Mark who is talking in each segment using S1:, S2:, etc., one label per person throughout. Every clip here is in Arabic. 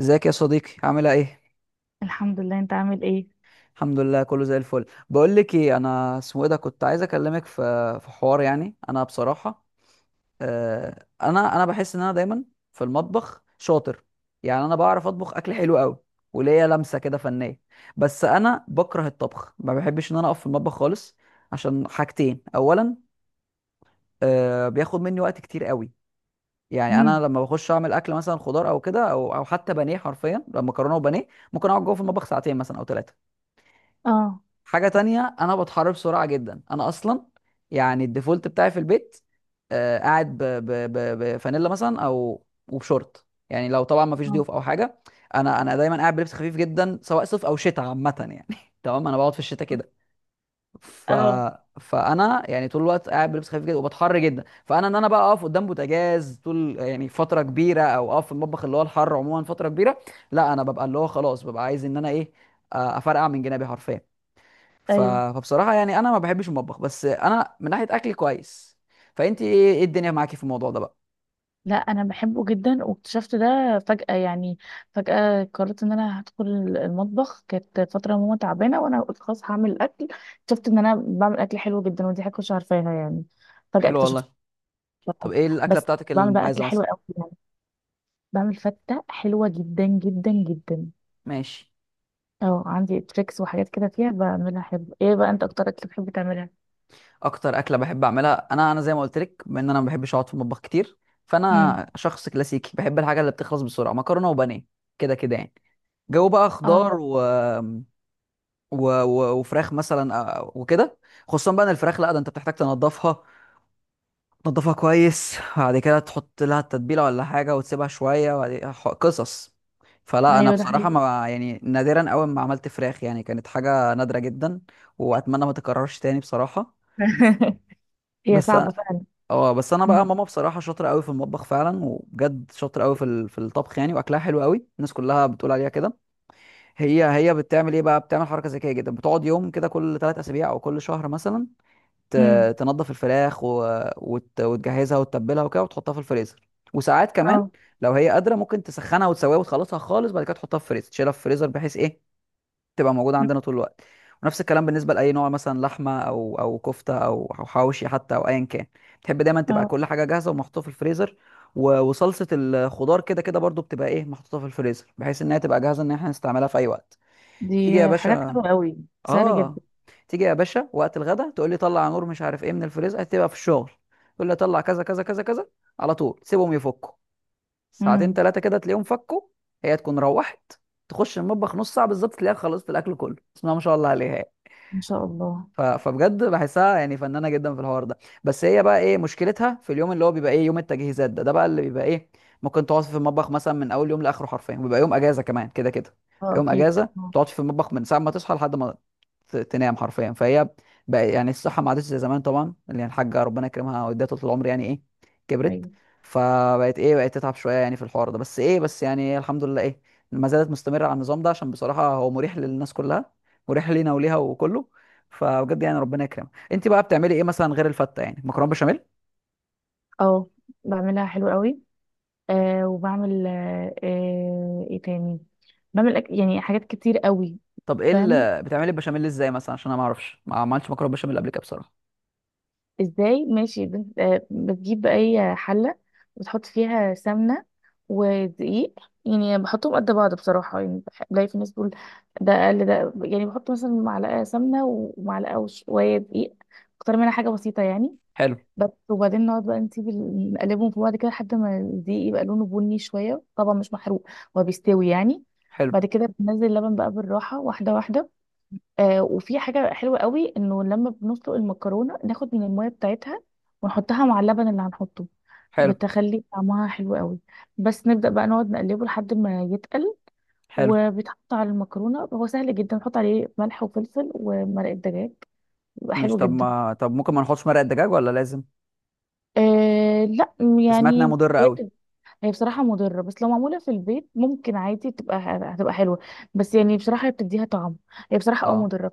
S1: ازيك يا صديقي، عامله ايه؟
S2: الحمد لله، انت عامل ايه؟
S1: الحمد لله كله زي الفل. بقول لك ايه، انا اسمه ايه ده، كنت عايز اكلمك في حوار. يعني انا بصراحه انا بحس ان انا دايما في المطبخ شاطر. يعني انا بعرف اطبخ اكل حلو قوي وليا لمسه كده فنيه، بس انا بكره الطبخ، ما بحبش ان انا اقف في المطبخ خالص. عشان حاجتين، اولا بياخد مني وقت كتير قوي. يعني انا
S2: امم.
S1: لما بخش اعمل اكل مثلا خضار او كده او حتى بانيه، حرفيا لما مكرونه وبانيه ممكن اقعد جوه في المطبخ ساعتين مثلا او ثلاثه.
S2: اه.
S1: حاجة تانية، أنا بتحرك بسرعة جدا. أنا أصلا يعني الديفولت بتاعي في البيت، آه، قاعد بفانيلا مثلا أو وبشورت، يعني لو طبعا ما فيش
S2: اه.
S1: ضيوف أو حاجة. أنا دايما قاعد بلبس خفيف جدا سواء صيف أو شتاء، عامة يعني تمام. أنا بقعد في الشتاء كده، ف...
S2: اه.
S1: فأنا يعني طول الوقت قاعد بلبس خفيف جدا وبتحر جدا، فأنا إن أنا بقى أقف قدام بوتاجاز طول يعني فترة كبيرة أو أقف في المطبخ اللي هو الحر عموما فترة كبيرة، لا. أنا ببقى اللي هو خلاص ببقى عايز إن أنا إيه، أفرقع من جنابي حرفيا. ف...
S2: ايوه.
S1: فبصراحة يعني أنا ما بحبش المطبخ، بس أنا من ناحية أكل كويس. فأنت إيه الدنيا معاكي في الموضوع ده بقى؟
S2: لا، انا بحبه جدا واكتشفت ده فجأة يعني. فجأة قررت ان انا هدخل المطبخ، كانت فترة ماما تعبانة وانا قلت خلاص هعمل اكل. اكتشفت ان انا بعمل اكل حلو جدا ودي حاجة مش عارفاها يعني، فجأة
S1: حلو
S2: اكتشفت.
S1: والله. طب إيه الأكلة
S2: بس
S1: بتاعتك
S2: بعمل بقى اكل
S1: المميزة
S2: حلو
S1: مثلا؟
S2: قوي يعني، بعمل فتة حلوة جدا جدا جدا.
S1: ماشي.
S2: اه، عندي تريكس وحاجات كده فيها بعملها حلو. ايه بقى انت اكتر اكل بتحب تعملها؟
S1: أكتر أكلة بحب أعملها، أنا زي ما قلت لك، بما إن أنا ما بحبش أقعد في المطبخ كتير،
S2: امم.
S1: فأنا شخص كلاسيكي بحب الحاجة اللي بتخلص بسرعة، مكرونة وبانيه، كده كده يعني. جو بقى خضار
S2: اه.
S1: وفراخ مثلا، وكده. خصوصا بقى إن الفراخ، لا ده أنت بتحتاج تنضفها، تنضفها كويس، بعد كده تحط لها التتبيلة ولا حاجة وتسيبها شوية، وبعد كده قصص. فلا أنا
S2: ايوه، ده
S1: بصراحة
S2: حقيقي.
S1: ما يعني نادرا أوي ما عملت فراخ، يعني كانت حاجة نادرة جدا، وأتمنى ما تكررش تاني بصراحة.
S2: هي
S1: بس
S2: صعبة
S1: أنا،
S2: فعلا.
S1: اه بس أنا
S2: مم.
S1: بقى ماما بصراحة شاطرة أوي في المطبخ فعلا، وبجد شاطرة أوي في في الطبخ يعني، وأكلها حلو أوي، الناس كلها بتقول عليها كده. هي بتعمل إيه بقى؟ بتعمل حركة ذكية جدا، بتقعد يوم كده كل ثلاث أسابيع أو كل شهر مثلا،
S2: مم.
S1: تنضف الفراخ وتجهزها وتتبلها وكده وتحطها في الفريزر. وساعات كمان
S2: اه.
S1: لو هي قادره ممكن تسخنها وتسويها وتخلصها خالص، بعد كده تحطها في الفريزر، تشيلها في الفريزر بحيث ايه، تبقى موجوده
S2: مم.
S1: عندنا طول الوقت. ونفس الكلام بالنسبه لاي نوع، مثلا لحمه او كفته او حواوشي، حتى او ايا كان، تحب دايما تبقى
S2: اه.
S1: كل حاجه جاهزه ومحطوطه في الفريزر. وصلصه الخضار كده كده برضو بتبقى ايه محطوطه في الفريزر، بحيث انها تبقى جاهزه ان احنا نستعملها في اي وقت.
S2: دي
S1: تيجي يا
S2: حاجات
S1: باشا.
S2: حلوة قوي، سهلة
S1: اه،
S2: جدا.
S1: تيجي يا باشا وقت الغدا، تقول لي طلع نور مش عارف ايه من الفريزر، هتبقى في الشغل، تقول لي طلع كذا كذا كذا كذا، على طول سيبهم يفكوا، ساعتين
S2: امم.
S1: ثلاثه كده تلاقيهم فكوا. هي تكون روحت تخش المطبخ نص ساعه، بالظبط تلاقيها خلصت الاكل كله، بسم الله ما شاء الله عليها.
S2: ان شاء الله.
S1: فبجد بحسها يعني فنانه جدا في الحوار ده. بس هي بقى ايه مشكلتها؟ في اليوم اللي هو بيبقى ايه، يوم التجهيزات ده، ده بقى اللي بيبقى ايه، ممكن تقعد في المطبخ مثلا من اول يوم لاخره حرفيا، وبيبقى يوم اجازه كمان كده كده.
S2: اه،
S1: يوم
S2: اكيد.
S1: اجازه
S2: اه.
S1: تقعد في المطبخ من ساعه ما تصحى لحد ما تنام حرفيا. فهي بقى يعني الصحه ما عادتش زي زمان طبعا، اللي هي الحاجه ربنا يكرمها واديها طول العمر، يعني ايه، كبرت،
S2: ايوه.
S1: فبقت ايه، بقت تتعب شويه يعني في الحوار ده، بس ايه، بس يعني الحمد لله ايه، ما زالت مستمره على النظام ده، عشان بصراحه هو مريح للناس كلها، مريح لينا وليها وكله. فبجد يعني ربنا يكرمك. انت بقى بتعملي ايه مثلا غير الفته؟ يعني مكرونه بشاميل.
S2: اه، بعملها حلو قوي، وبعمل ايه تاني؟ بعمل يعني حاجات كتير قوي.
S1: طب ايه
S2: فاهم.
S1: اللي، بتعملي البشاميل ازاي مثلا؟ عشان انا ما اعرفش، ما عملتش مكرونه بشاميل قبل كده بصراحه.
S2: ازاي؟ ماشي. بتجيب اي حله وتحط فيها سمنه ودقيق، يعني بحطهم قد بعض بصراحه. يعني بلاقي في ناس بتقول ده اقل، ده يعني بحط مثلا معلقه سمنه ومعلقه وشويه دقيق اكتر منها، حاجه بسيطه يعني.
S1: حلو.
S2: بس، وبعدين نقعد بقى نسيب نقلبهم في بعض كده لحد ما الدقيق يبقى لونه بني شويه، طبعا مش محروق، هو بيستوي يعني.
S1: حلو.
S2: بعد كده بننزل اللبن بقى بالراحه، واحده واحده. وفي حاجة حلوة قوي، انه لما بنسلق المكرونة ناخد من المية بتاعتها ونحطها مع اللبن اللي هنحطه،
S1: حلو.
S2: بتخلي طعمها حلو قوي. بس نبدأ بقى نقعد نقلبه لحد ما يتقل
S1: حلو.
S2: وبيتحط على المكرونة. هو سهل جدا، نحط عليه ملح وفلفل ومرقة دجاج، بيبقى
S1: ماشي.
S2: حلو
S1: طب
S2: جدا.
S1: ما طب ممكن ما نحطش مرقه دجاج ولا لازم؟
S2: لا
S1: سمعت انها
S2: يعني
S1: مضره قوي.
S2: هي بصراحة مضرة، بس لو معمولة في البيت ممكن عادي هتبقى حلوة. بس يعني بصراحة هي بتديها طعم. هي بصراحة
S1: اه.
S2: مضرة.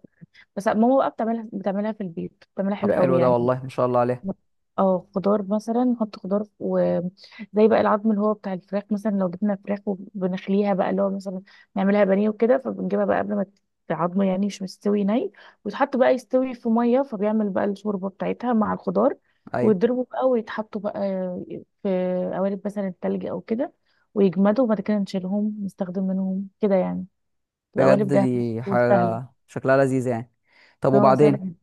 S2: بس ماما بقى بتعملها في البيت، بتعملها
S1: طب
S2: حلو قوي
S1: حلو ده
S2: يعني.
S1: والله، ما شاء الله عليها.
S2: اه، خضار مثلا نحط خضار، وزي بقى العظم اللي هو بتاع الفراخ، مثلا لو جبنا فراخ وبنخليها بقى اللي هو مثلا نعملها بانيه وكده، فبنجيبها بقى قبل ما العظم يعني مش مستوي ويتحط بقى يستوي في ميه، فبيعمل بقى الشوربه بتاعتها مع الخضار.
S1: ايوه.
S2: ويضربوا بقى، ويتحطوا بقى في قوالب مثلا التلج او كده، ويجمدوا، وبعد كده نشيلهم نستخدم منهم كده يعني، تبقى قوالب
S1: بجد
S2: جاهزه
S1: دي
S2: وسهله.
S1: حاجه شكلها لذيذ يعني. طب
S2: اه،
S1: وبعدين؟
S2: سهله.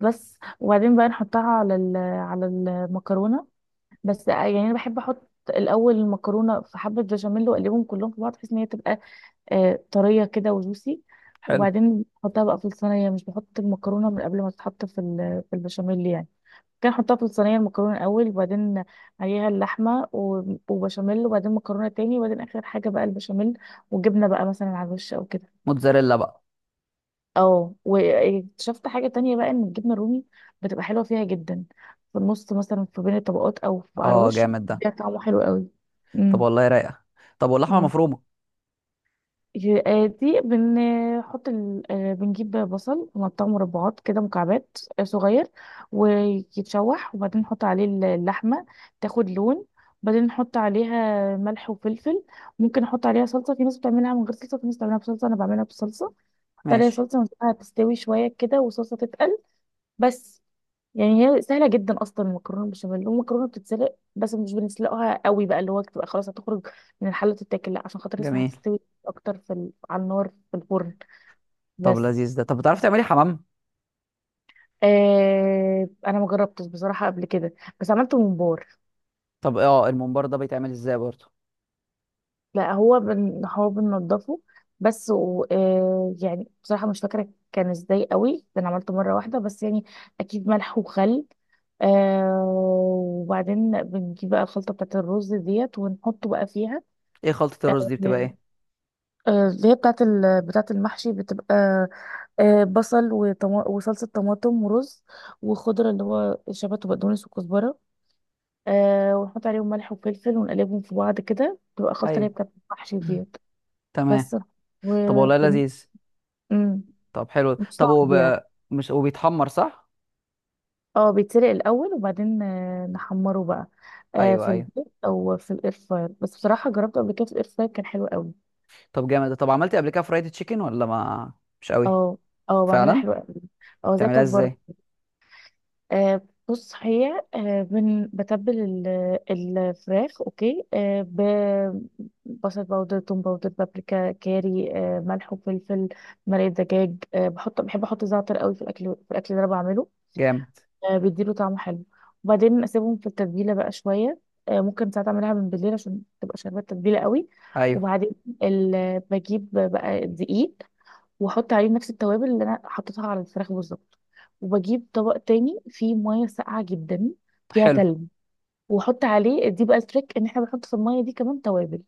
S2: بس، وبعدين بقى نحطها على على المكرونه. بس يعني انا بحب احط الاول المكرونه في حبه بشاميل واقلبهم كلهم في بعض، بحيث ان هي تبقى طريه كده وجوسي.
S1: حلو.
S2: وبعدين بحطها بقى في الصينيه، مش بحط المكرونه من قبل ما تتحط في البشاميل يعني. كان احطها في الصينيه المكرونه الاول، وبعدين عليها اللحمه وبشاميل، وبعدين مكرونه تاني، وبعدين اخر حاجه بقى البشاميل، وجبنه بقى مثلا على الوش او كده.
S1: موتزاريلا بقى.
S2: اه، واكتشفت حاجة تانية بقى، ان الجبنة الرومي بتبقى حلوة فيها جدا، في النص مثلا في بين الطبقات او في على
S1: اه
S2: الوش،
S1: جامد ده.
S2: بيديها طعمه حلو قوي.
S1: طب
S2: امم.
S1: والله رايقه. طب واللحمه
S2: اه.
S1: المفرومه؟
S2: دي بنحط ال... آه، بنجيب بصل ونقطعه مربعات كده، مكعبات صغير. ويتشوح، وبعدين نحط عليه اللحمة، تاخد لون. بعدين نحط عليها ملح وفلفل. ممكن نحط عليها صلصة، في ناس بتعملها من غير صلصة، في ناس بتعملها بصلصة. أنا بعملها بالصلصة، احط عليها
S1: ماشي.
S2: صلصة ونسيبها تستوي شوية كده والصلصة تتقل. بس، يعني هي سهله جدا اصلا، المكرونه بالبشاميل. والمكرونه بتتسلق بس مش بنسلقها قوي، بقى اللي هو بتبقى خلاص هتخرج من الحله تتاكل، لا عشان خاطر لسه
S1: جميل.
S2: هتستوي اكتر على النار في الفرن.
S1: طب
S2: بس.
S1: لذيذ ده. طب بتعرفي تعملي حمام؟
S2: انا ما جربتش بصراحه قبل كده، بس عملت ممبار.
S1: طب اه، الممبار ده بيتعمل ازاي برضه؟
S2: لا، هو بننضفه بس. و... آه يعني بصراحة مش فاكرة كان ازاي قوي، ده انا عملته مرة واحدة بس يعني. اكيد ملح وخل. وبعدين بنجيب بقى الخلطة بتاعت الرز ديت ونحطه بقى فيها.
S1: ايه خلطة الرز
S2: آه،
S1: دي، بتبقى ايه؟
S2: اللي هي بتاعت المحشي، بتبقى بصل وصلصة طماطم ورز، وخضرة اللي هو شبت وبقدونس وكزبرة. ونحط عليهم ملح وفلفل ونقلبهم في بعض كده، تبقى خلطة اللي هي
S1: ايوه.
S2: بتاعت المحشي ديت.
S1: تمام.
S2: بس. و
S1: طب والله
S2: بن-
S1: لذيذ.
S2: مم.
S1: طب حلو،
S2: مش
S1: طب هو
S2: صعب يعني.
S1: بقى، مش هو بيتحمر صح؟
S2: اه، بيتسلق الاول، وبعدين نحمره بقى
S1: ايوه
S2: في
S1: ايوه.
S2: الزيت او في الاير فراير. بس بصراحه جربته قبل كده في الاير فراير كان حلو قوي.
S1: طب جامد ده. طب عملتي قبل كده فرايد تشيكن ولا ما، مش قوي؟
S2: اه. اه، بعملها
S1: فعلا.
S2: حلوه قوي. اه، زي
S1: بتعمليها
S2: بتاعت بره.
S1: ازاي؟
S2: آه، بص، هي بتبل الفراخ، اوكي، ببصل باودر، توم باودر، بابريكا، كاري، ملح وفلفل، مرقه دجاج. آه، بحط بحب احط زعتر قوي في الاكل، اللي انا بعمله،
S1: جامد.
S2: بيديله طعم حلو. وبعدين اسيبهم في التتبيله بقى شويه، ممكن ساعات اعملها من بالليل عشان تبقى شاربه التتبيله قوي.
S1: ايوه.
S2: وبعدين بجيب بقى دقيق واحط عليه نفس التوابل اللي انا حطيتها على الفراخ بالظبط. وبجيب طبق تاني فيه ميه ساقعه جدا، فيها
S1: حلو.
S2: تلج، واحط عليه. دي بقى التريك، ان احنا بنحط في الميه دي كمان توابل،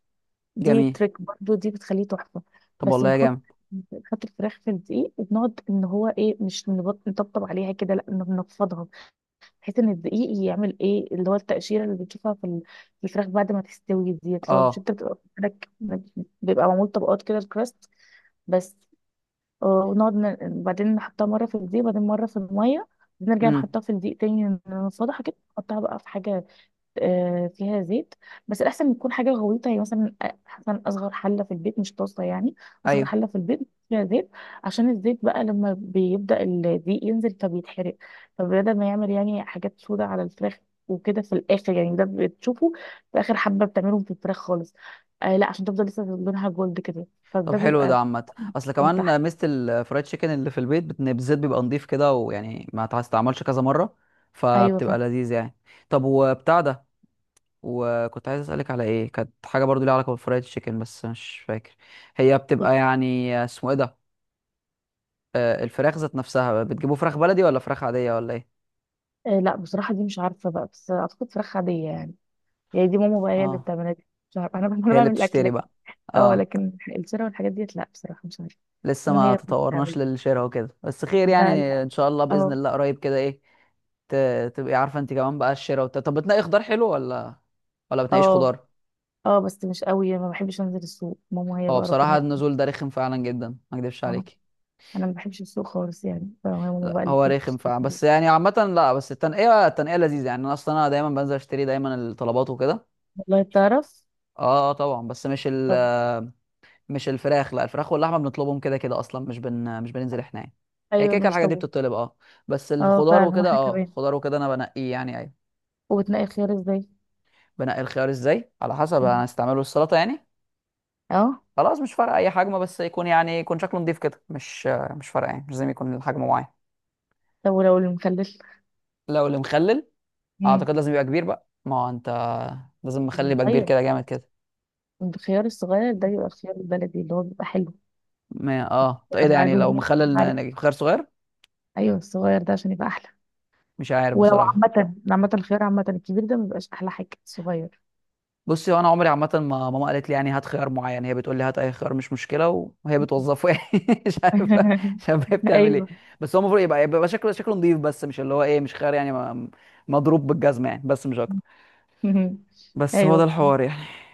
S2: دي
S1: جميل.
S2: تريك برضو دي، بتخليه تحفه.
S1: طب
S2: بس
S1: والله يا جامد.
S2: بنحط الفراخ في الدقيق، وبنقعد ان هو ايه مش نطبطب عليها كده، لا، إنه بنفضها، بحيث ان الدقيق يعمل ايه اللي هو التقشيره اللي بتشوفها في الفراخ بعد ما تستوي ديت، اللي هو مش
S1: اه.
S2: انت بتبقى بيبقى معمول طبقات كده، الكراست. بس ونقعد بعدين نحطها مره في الدقيق، بعدين مره في الميه، بعدين نرجع
S1: امم.
S2: نحطها في الدقيق تاني، نفضحها كده نحطها بقى في حاجه فيها زيت. بس الاحسن يكون حاجه غويطه، يعني مثلا مثلا اصغر حله في البيت، مش طاسه يعني، اصغر
S1: ايوه.
S2: حله في البيت فيها زيت. عشان الزيت بقى لما بيبدا الدقيق ينزل فبيتحرق، فبدل ما يعمل يعني حاجات سودة على الفراخ وكده في الاخر. يعني ده بتشوفه في اخر حبه بتعملهم في الفراخ خالص، لا، عشان تفضل لسه لونها جولد كده.
S1: طب
S2: فده
S1: حلو
S2: بيبقى
S1: ده عامة. اصل
S2: من تحت.
S1: كمان ميزة الفرايد تشيكن اللي في البيت، بالزيت بيبقى نضيف كده، ويعني ما تستعملش كذا مرة،
S2: ايوه،
S1: فبتبقى
S2: فاهم.
S1: لذيذ يعني. طب وبتاع ده، وكنت عايز اسالك على ايه، كانت حاجه برضو ليها علاقه بالفرايد تشيكن، بس مش فاكر، هي بتبقى يعني اسمه ايه ده، الفراخ ذات نفسها، بتجيبوا فراخ بلدي ولا فراخ عاديه ولا ايه؟
S2: لا بصراحه دي مش عارفه بقى، بس اعتقد فراخ عاديه يعني. يعني دي ماما بقى هي اللي
S1: اه،
S2: بتعملها، دي مش عارفه انا. أنا
S1: هي اللي
S2: بعمل
S1: بتشتري
S2: الاكل.
S1: بقى.
S2: اه،
S1: اه.
S2: لكن الشراء والحاجات ديت لا بصراحة مش عارفة.
S1: لسه
S2: ماما
S1: ما
S2: هي اللي
S1: تطورناش
S2: بتعمل.
S1: للشراء وكده، بس خير يعني،
S2: لا، لا.
S1: ان شاء الله باذن
S2: اه.
S1: الله قريب كده ايه، تبقي عارفه انت كمان بقى الشراء طب بتنقي خضار حلو ولا بتنقيش
S2: اه.
S1: خضار؟
S2: اه، بس مش قوي، ما بحبش انزل السوق. ماما هي
S1: هو
S2: بقى ربنا
S1: بصراحه النزول ده رخم فعلا جدا، ما اكدبش
S2: اه،
S1: عليكي.
S2: انا ما بحبش السوق خالص يعني، فماما
S1: لا
S2: بقى اللي
S1: هو رخم
S2: بتشتري
S1: فعلا،
S2: الحاجات.
S1: بس يعني عامة، لا بس التنقية لذيذة يعني، انا اصلا انا دايما بنزل اشتري دايما الطلبات وكده.
S2: والله بتعرف.
S1: اه، آه طبعا، بس
S2: طب.
S1: مش الفراخ، لا الفراخ واللحمة بنطلبهم كده كده اصلا، مش بننزل احنا يعني، هي
S2: ايوه،
S1: كده كده
S2: ماشي.
S1: الحاجات دي
S2: طب.
S1: بتطلب. اه، بس
S2: اه،
S1: الخضار
S2: فعلا.
S1: وكده،
S2: واحنا
S1: اه
S2: كمان
S1: الخضار وكده انا بنقيه يعني، ايوه.
S2: وبتنقي الخيار ازاي؟
S1: بنقي الخيار ازاي؟ على حسب،
S2: مم.
S1: انا هستعمله السلطة يعني،
S2: اه.
S1: خلاص مش فارقة اي حجم، بس يكون يعني يكون شكله نضيف كده، مش فارقة يعني، مش لازم يكون الحجم معين.
S2: طب ولو المخلل.
S1: لو اللي مخلل،
S2: مم.
S1: اعتقد لازم يبقى كبير بقى، ما هو انت لازم مخلي يبقى كبير
S2: ايوه،
S1: كده جامد كده.
S2: الخيار الصغير ده يبقى الخيار البلدي اللي هو بيبقى حلو،
S1: ما اه، طب
S2: بيبقى
S1: ايه ده يعني؟ لو
S2: معلومة.
S1: مخلل
S2: عارف،
S1: نجيب خيار صغير؟
S2: ايوه، الصغير ده عشان يبقى احلى.
S1: مش عارف
S2: ولو
S1: بصراحه.
S2: عامة الخيار، عامة الكبير ده مبيبقاش أحلى حاجة الصغير.
S1: بصي هو انا عمري عامه ما، ماما قالت لي يعني هات خيار معين، هي بتقول لي هات اي خيار مش مشكله، وهي بتوظفه يعني مش عارف، هي بتعمل ايه.
S2: أيوه.
S1: بس هو المفروض يبقى، يبقى شكله، شكله نظيف، بس مش اللي هو ايه، مش خيار يعني ما- مضروب بالجزمه يعني، بس مش اكتر. بس هو ده
S2: أيوه.
S1: الحوار يعني.